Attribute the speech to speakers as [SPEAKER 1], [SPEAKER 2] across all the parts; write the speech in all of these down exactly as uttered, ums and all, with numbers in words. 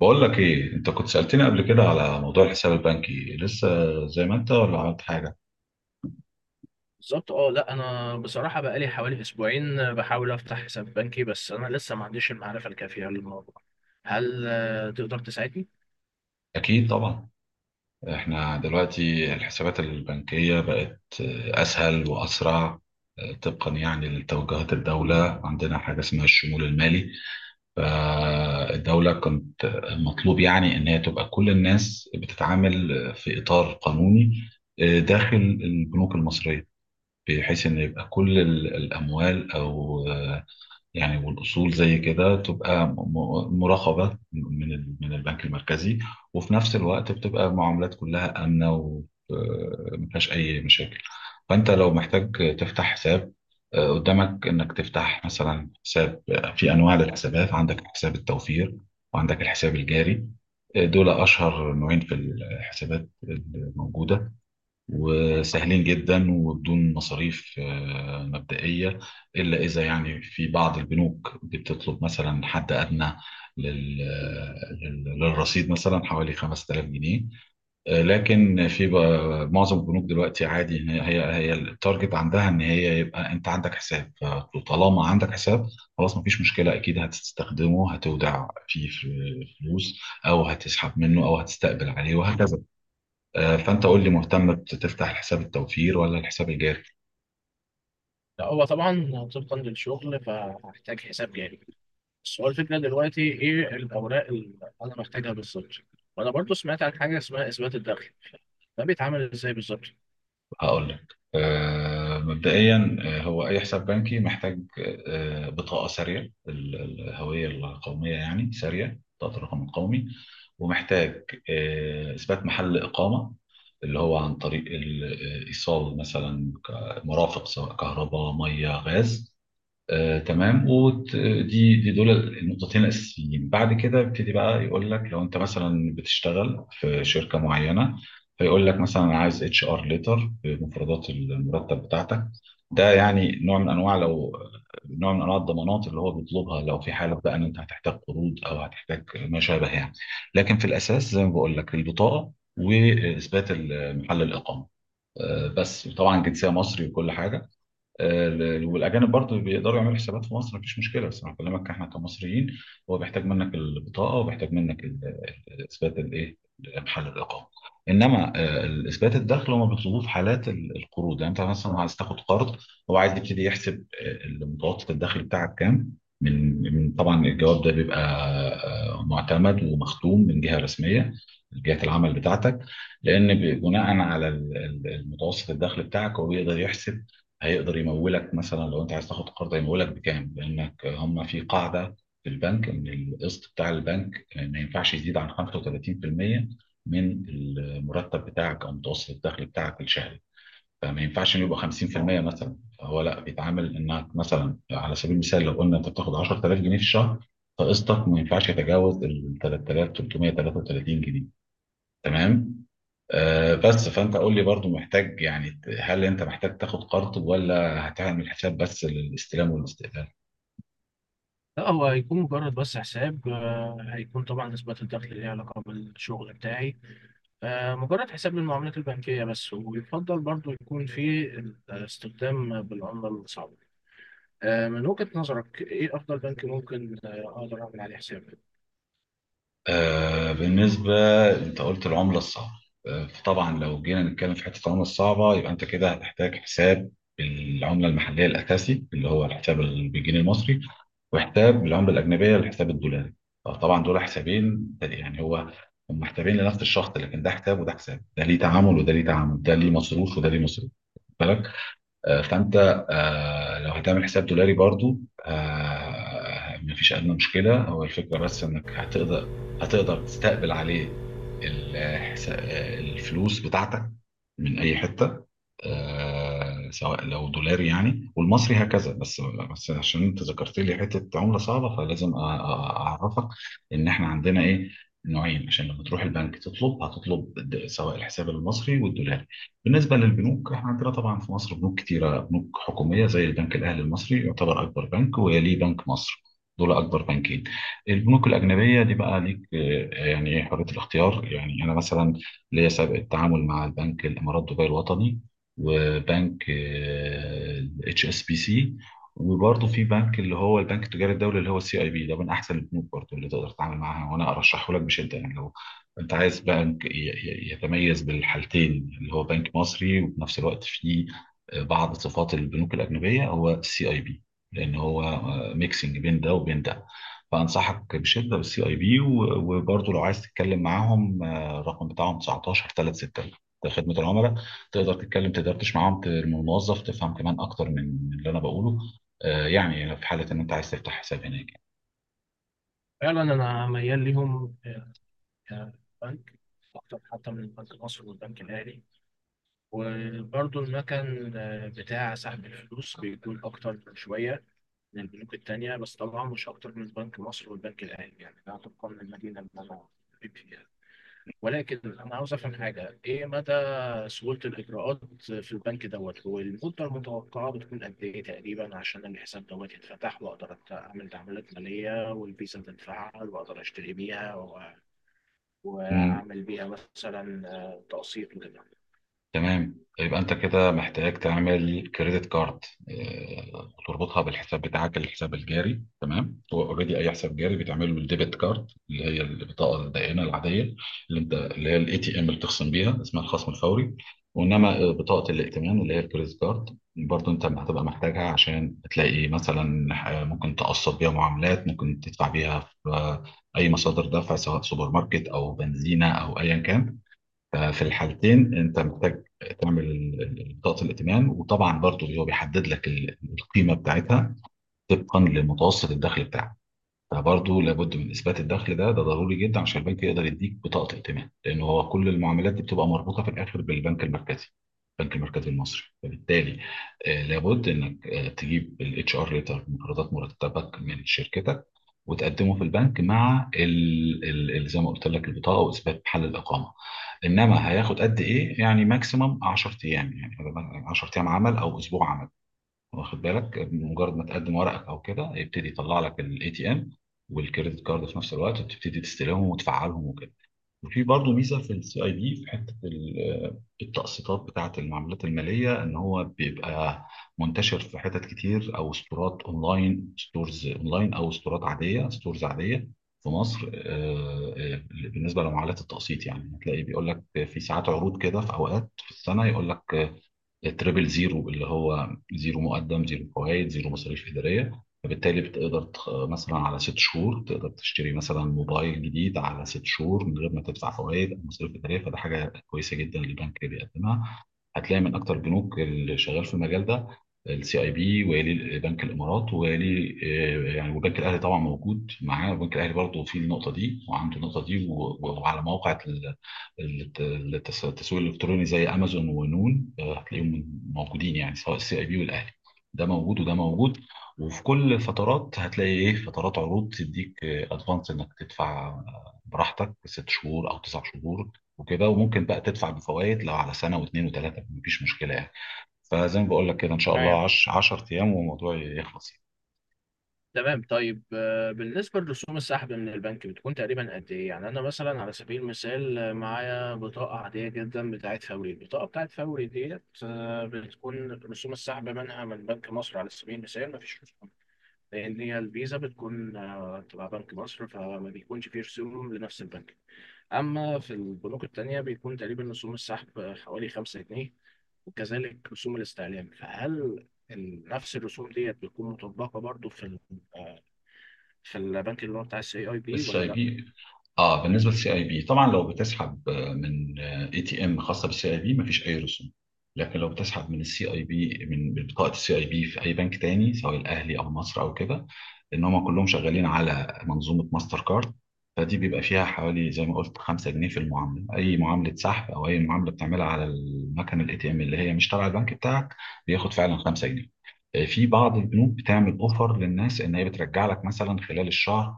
[SPEAKER 1] بقول لك ايه، انت كنت سألتني قبل كده على موضوع الحساب البنكي لسه زي ما انت ولا عملت حاجة.
[SPEAKER 2] بالظبط، اه، لا، انا بصراحه بقالي حوالي اسبوعين بحاول افتح حساب بنكي. بس انا لسه ما عنديش المعرفه الكافيه للموضوع. هل آه، تقدر تساعدني؟
[SPEAKER 1] اكيد طبعا. احنا دلوقتي الحسابات البنكية بقت آه، اسهل واسرع. آه، طبقا يعني لتوجهات الدولة، عندنا حاجة اسمها الشمول المالي. فالدولة كنت مطلوب يعني ان هي تبقى كل الناس بتتعامل في اطار قانوني، آه، داخل البنوك المصرية، بحيث ان يبقى كل ال- الاموال او يعني والاصول زي كده تبقى م- م- مراقبه من ال- من البنك المركزي. وفي نفس الوقت بتبقى المعاملات كلها امنه وما فيهاش اي مشاكل. فانت لو محتاج تفتح حساب، آه، قدامك انك تفتح مثلا حساب. في انواع للحسابات: عندك حساب التوفير وعندك الحساب الجاري. آه، دول اشهر نوعين في الحسابات الموجوده، وسهلين جدا وبدون مصاريف آه، مبدئية، إلا إذا يعني في بعض البنوك بتطلب مثلا حد أدنى لل- لل- للرصيد، مثلا حوالي خمسة آلاف جنيه. آه، لكن في بقى- معظم البنوك دلوقتي عادي، إن هي هي هي التارجت عندها ان هي يبقى انت عندك حساب. فطالما عندك حساب خلاص مفيش مشكله، اكيد هتستخدمه، هتودع فيه فلوس او هتسحب منه او هتستقبل عليه، وهكذا. آه، فانت قول لي، مهتم بتفتح حساب التوفير ولا الحساب الجاري؟
[SPEAKER 2] لا، هو طبعا طبقا للشغل فهحتاج حساب جاري. بس هو الفكره دلوقتي ايه الاوراق اللي انا محتاجها بالظبط؟ وانا برضو سمعت عن حاجه اسمها اثبات الدخل، ده بيتعمل ازاي بالظبط؟
[SPEAKER 1] هقول لك. آه، مبدئيا، آه، هو اي حساب بنكي محتاج آه، بطاقه ساريه، ال- ال- الهويه القوميه يعني ساريه، بطاقه الرقم القومي. ومحتاج آه، اثبات محل اقامه، اللي هو عن طريق الايصال، مثلا ك- مرافق سواء كهرباء، ميه، غاز. آه، تمام. ودي دي دول النقطتين الاساسيين. بعد كده يبتدي بقى يقول لك لو انت مثلا بتشتغل في شركه معينه، فيقول لك مثلا انا عايز اتش ار ليتر بمفردات المرتب بتاعتك. ده يعني نوع من انواع لو نوع من انواع الضمانات اللي هو بيطلبها، لو في حاله بقى ان انت هتحتاج قروض او هتحتاج ما شابه يعني. لكن في الاساس زي ما بقول لك البطاقه واثبات محل الاقامه. آه، بس طبعا جنسيه مصري وكل حاجه. آه، ال- والاجانب برضه بيقدروا يعملوا حسابات في مصر، مفيش مشكله، بس انا بكلمك احنا كمصريين. هو بيحتاج منك البطاقه وبيحتاج منك اثبات الايه؟ محل الاقامه. انما آه، اثبات الدخل هم بيطلبوه في حالات ال- القروض، يعني انت مثلا عايز تاخد قرض، هو عايز يبتدي يحسب آه، متوسط الدخل بتاعك كام. من من- طبعا الجواب ده بيبقى آه، معتمد ومختوم من جهه رسميه، جهه العمل بتاعتك، لان ب- بناء على ال- ال- المتوسط الدخل بتاعك هو بيقدر يحسب، هيقدر يمولك. مثلا لو انت عايز تاخد قرض هيمولك بكام، لانك هم في قاعده في البنك ان القسط بتاع البنك آه، ما ينفعش يزيد عن خمسة وثلاثين في المئة من المرتب بتاعك او متوسط الدخل بتاعك الشهري. فما ينفعش انه يبقى خمسين في المئة مثلا، فهو لا، بيتعامل انك مثلا على سبيل المثال لو قلنا انت بتاخد عشرتلاف جنيه في الشهر، فقسطك ما ينفعش يتجاوز ال تلاتة آلاف وتلتمية تلاتة وتلاتين جنيه. تمام؟ آه بس فانت قول لي برضو، محتاج يعني، هل انت محتاج تاخد قرض ولا هتعمل حساب بس للاستلام والاستقلال؟
[SPEAKER 2] لا، هو هيكون مجرد بس حساب، آه، هيكون طبعا اثبات الدخل ليه علاقه بالشغل بتاعي. آه، مجرد حساب للمعاملات البنكية بس، ويفضل برضو يكون في استخدام بالعملة الصعبة. آه، من وجهة نظرك إيه أفضل بنك ممكن آه، أقدر أعمل عليه حساب؟
[SPEAKER 1] آه بالنسبة، انت قلت العملة الصعبة. آه فطبعا لو جينا نتكلم في حتة العملة الصعبة، يبقى انت كده هتحتاج حساب بالعملة المحلية الأساسي اللي هو الحساب ال- بالجنيه المصري، وحساب بالعملة الأجنبية الحساب الدولاري. فطبعا دول حسابين، يعني هو هم حسابين لنفس الشخص، لكن ده حساب وده حساب، ده ليه تعامل وده ليه تعامل، ده ليه مصروف وده ليه مصروف، بالك. آه، فانت، آه، لو هتعمل حساب دولاري برضو، آه، مفيش ادنى مشكله. هو الفكره بس انك هتقدر، هتقدر تستقبل عليه الحس- آه، الفلوس بتاعتك من اي حته، آه، سواء لو دولاري يعني والمصري، هكذا. بس بس عشان انت ذكرت لي حته عمله صعبه، فلازم أ- أ- اعرفك ان احنا عندنا ايه؟ نوعين، عشان لما تروح البنك تطلب هتطلب د- سواء الحساب المصري والدولاري. بالنسبة للبنوك، احنا عندنا طبعا في مصر بنوك كتيرة، بنوك حكومية زي البنك الأهلي المصري يعتبر أكبر بنك، ويليه بنك مصر. دول أكبر بنكين. البنوك الأجنبية دي بقى ليك آه، يعني إيه، حرية الاختيار. يعني أنا مثلا ليا سابق التعامل مع البنك الإمارات دبي الوطني، وبنك اتش اس بي سي، وبرضه في بنك اللي هو البنك التجاري الدولي، اللي هو السي اي بي. ده من احسن البنوك برضه اللي تقدر تتعامل معاها، وانا ارشحه لك بشده. يعني لو انت عايز بنك ي- ي- يتميز بالحالتين، اللي هو بنك مصري وفي نفس الوقت فيه بعض صفات البنوك الاجنبيه، هو السي اي بي، لان هو ميكسنج بين ده وبين ده. فانصحك بشده بالسي اي بي. وبرضه لو عايز تتكلم معاهم، آه، الرقم بتاعهم تسعتاشر تلاتة ستة، ده خدمه العملاء. تقدر تتكلم تدردش معاهم، ت- الموظف تفهم كمان اكتر من من اللي انا بقوله، آه، يعني لو في حاله ان انت عايز تفتح حساب هناك.
[SPEAKER 2] فعلا أنا ميال ليهم آه، كبنك، أكتر حتى من البنك المصري والبنك الأهلي. وبرضو المكان آه، بتاع سحب الفلوس بيكون أكتر شوية من البنوك التانية، بس طبعا مش أكتر من بنك مصر والبنك الأهلي، يعني ده طبقا للمدينة اللي أنا بيبقى فيها. ولكن انا عاوز افهم حاجه، ايه مدى سهولة الإجراءات في البنك دوت؟ والمدة المتوقعة بتكون قد إيه تقريبا عشان الحساب دوت يتفتح وأقدر أت- أعمل تعاملات مالية والفيزا تتفعل وأقدر أشتري بيها و- وأعمل بيها مثلا آه، تقسيط وكده.
[SPEAKER 1] تمام، يبقى انت كده محتاج تعمل كريدت كارد، آه، وتربطها بالحساب بتاعك الحساب الجاري. تمام. هو اوريدي اي حساب جاري بتعمله بالديبت كارد، اللي هي البطاقه الدائنه العاديه اللي انت، اللي هي الاي تي ام اللي بتخصم بيها اسمها الخصم الفوري. وانما آه، بطاقه الائتمان اللي هي الكريدت كارد، برضه انت هتبقى محتاجها عشان تلاقي مثلا آه، ممكن تقسط بيها معاملات، ممكن تدفع بيها في آه، اي مصادر دفع سواء سوبر ماركت او بنزينه او ايا كان. ففي الحالتين انت محتاج تعمل ال- ال- بطاقه الائتمان. وطبعا برضه هو بيحدد لك ال- القيمه بتاعتها طبقا لمتوسط الدخل بتاعك. فبرضه لابد من اثبات الدخل. ده ده ضروري جدا عشان البنك يقدر يديك بطاقه ائتمان، لان هو كل المعاملات دي بتبقى مربوطه في الاخر بالبنك المركزي، البنك المركزي المصري. فبالتالي آه، لابد انك آه، تجيب الاتش ار ليتر مقرضات مرتبك من شركتك، وتقدمه في البنك مع ال... ال... ال- زي ما قلت لك البطاقه واثبات محل الاقامه. انما هياخد قد ايه؟ يعني ماكسيمم عشر ايام يعني، عشر ايام عمل او اسبوع عمل. واخد بالك، مجرد ما تقدم ورقك او كده يبتدي يطلع لك الاي تي ام والكريدت كارد في نفس الوقت، وتبتدي تستلمهم وتفعلهم وكده. وفي برضه ميزه في السي اي دي في حته ال- التقسيطات بتاعه المعاملات الماليه، ان هو بيبقى منتشر في حتت كتير، او ستورات اونلاين ستورز اونلاين او ستورات عاديه ستورز عاديه في مصر. آه، آه، بالنسبه لمعاملات التقسيط يعني هتلاقي بيقول لك في ساعات عروض كده، في اوقات في السنه يقول لك التريبل زيرو، اللي هو زيرو مقدم، زيرو فوائد، زيرو مصاريف إدارية. فبالتالي بتقدر تخ... مثلا على ست شهور تقدر تشتري مثلا موبايل جديد على ست شهور من غير ما تدفع فوائد أو مصاريف إدارية، فده حاجة كويسة جدا للبنك بيقدمها. هتلاقي من أكتر البنوك اللي شغال في المجال ده السي اي بي، ويلي بنك الامارات، ويلي آه، يعني، وبنك الاهلي طبعا موجود معاه. وبنك الاهلي برضه في النقطه دي، وعنده النقطه دي، و- وعلى موقع الت- التس- التسويق الالكتروني زي امازون ونون، آه، هتلاقيهم موجودين يعني سواء السي اي بي والاهلي. ده موجود وده موجود. وفي كل فترات هتلاقي ايه، فترات عروض تديك ادفانس انك تدفع آه، براحتك ست شهور او تسع شهور وكده. وممكن بقى تدفع بفوائد لو على سنه واثنين وثلاثه، مفيش مشكله يعني. فزي ما بقول لك كده، ان شاء الله
[SPEAKER 2] تمام.
[SPEAKER 1] عشر عش... عشرة ايام والموضوع يخلص يعني.
[SPEAKER 2] تمام، طيب، آه، بالنسبة لرسوم السحب من البنك بتكون تقريبا قد إيه؟ يعني أنا مثلا على سبيل المثال آه، معايا بطاقة عادية جدا بتاعت فوري، البطاقة بتاعت فوري ديت آه، بتكون رسوم السحب منها من بنك مصر على سبيل المثال مفيش رسوم، لان هي الفيزا بتكون آه، تبع بنك مصر فما بيكونش فيه رسوم لنفس البنك. اما في البنوك التانية بيكون تقريبا رسوم السحب آه، حوالي خمسة جنيه، وكذلك رسوم الاستعلام. فهل ال- نفس الرسوم ديت بتكون مطبقة برضو في ال- آه، في البنك اللي هو بتاع السي اي بي
[SPEAKER 1] السي
[SPEAKER 2] ولا
[SPEAKER 1] اي
[SPEAKER 2] لا؟
[SPEAKER 1] بي. اه، بالنسبه للسي اي بي طبعا لو بتسحب آه، من اي تي ام خاصه بالسي اي بي، مفيش اي رسوم. لكن لو بتسحب من السي اي بي، من بطاقه السي اي بي في اي بنك تاني سواء الاهلي او مصر او كده، ان هم كلهم شغالين على منظومه ماستر كارد. فدي بيبقى فيها حوالي زي ما قلت خمسة جنيه في المعامله، اي معامله سحب او اي معامله بتعملها على المكنه الاي تي ام اللي هي مش تبع البنك بتاعك، بياخد فعلا خمسة جنيه. آه، في بعض البنوك بتعمل اوفر للناس ان هي بترجع لك مثلا خلال الشهر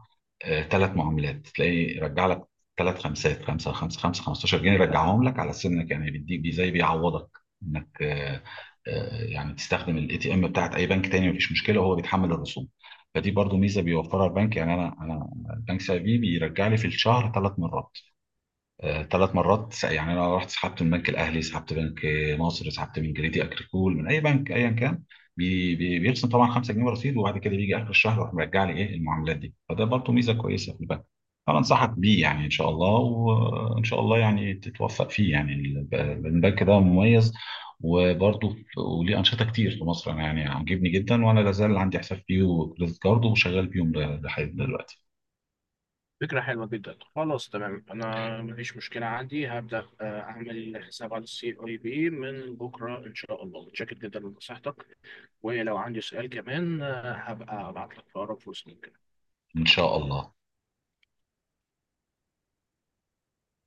[SPEAKER 1] ثلاث معاملات، تلاقي رجع لك ثلاث خمسات، خمسة خمسة خمسة خمستاشر جنيه، رجعهم لك على سنك يعني، بيديك بي- زي بيعوضك انك آه، آه، يعني تستخدم الاي تي ام بتاعت اي بنك تاني، مفيش مشكله، وهو بيتحمل الرسوم. فدي برضو ميزه بيوفرها البنك. يعني انا انا البنك سي اي بي بيرجع لي في الشهر ثلاث مرات. ثلاث مرات س- يعني انا رحت سحبت من بنك الاهلي، سحبت بنك مصر، سحبت من جريدي اكريكول، من اي بنك ايا كان، بي بي بيرسم طبعا خمسة جنيه رصيد، وبعد كده بيجي اخر الشهر يروح مرجع لي ايه المعاملات دي. فده برضه ميزه كويسه في البنك، فانا انصحك بيه يعني ان شاء الله، وان شاء الله يعني تتوفق فيه يعني. الب- البنك ده مميز، وبرضه ف- وليه انشطه كتير في مصر. انا يعني عاجبني جدا، وانا لازال عندي حساب فيه وكريدت كارد وشغال بيهم ل- لحد دلوقتي.
[SPEAKER 2] فكرة حلوة جدا، خلاص تمام، أنا مفيش مشكلة عندي. هبدأ آه، أعمل حساب على السي أي بي من بكرة إن شاء الله. متشكر جدا لنصيحتك، ولو عندي سؤال كمان آه، هبقى أبعت لك في أقرب فرصة ممكن.
[SPEAKER 1] ان شاء الله.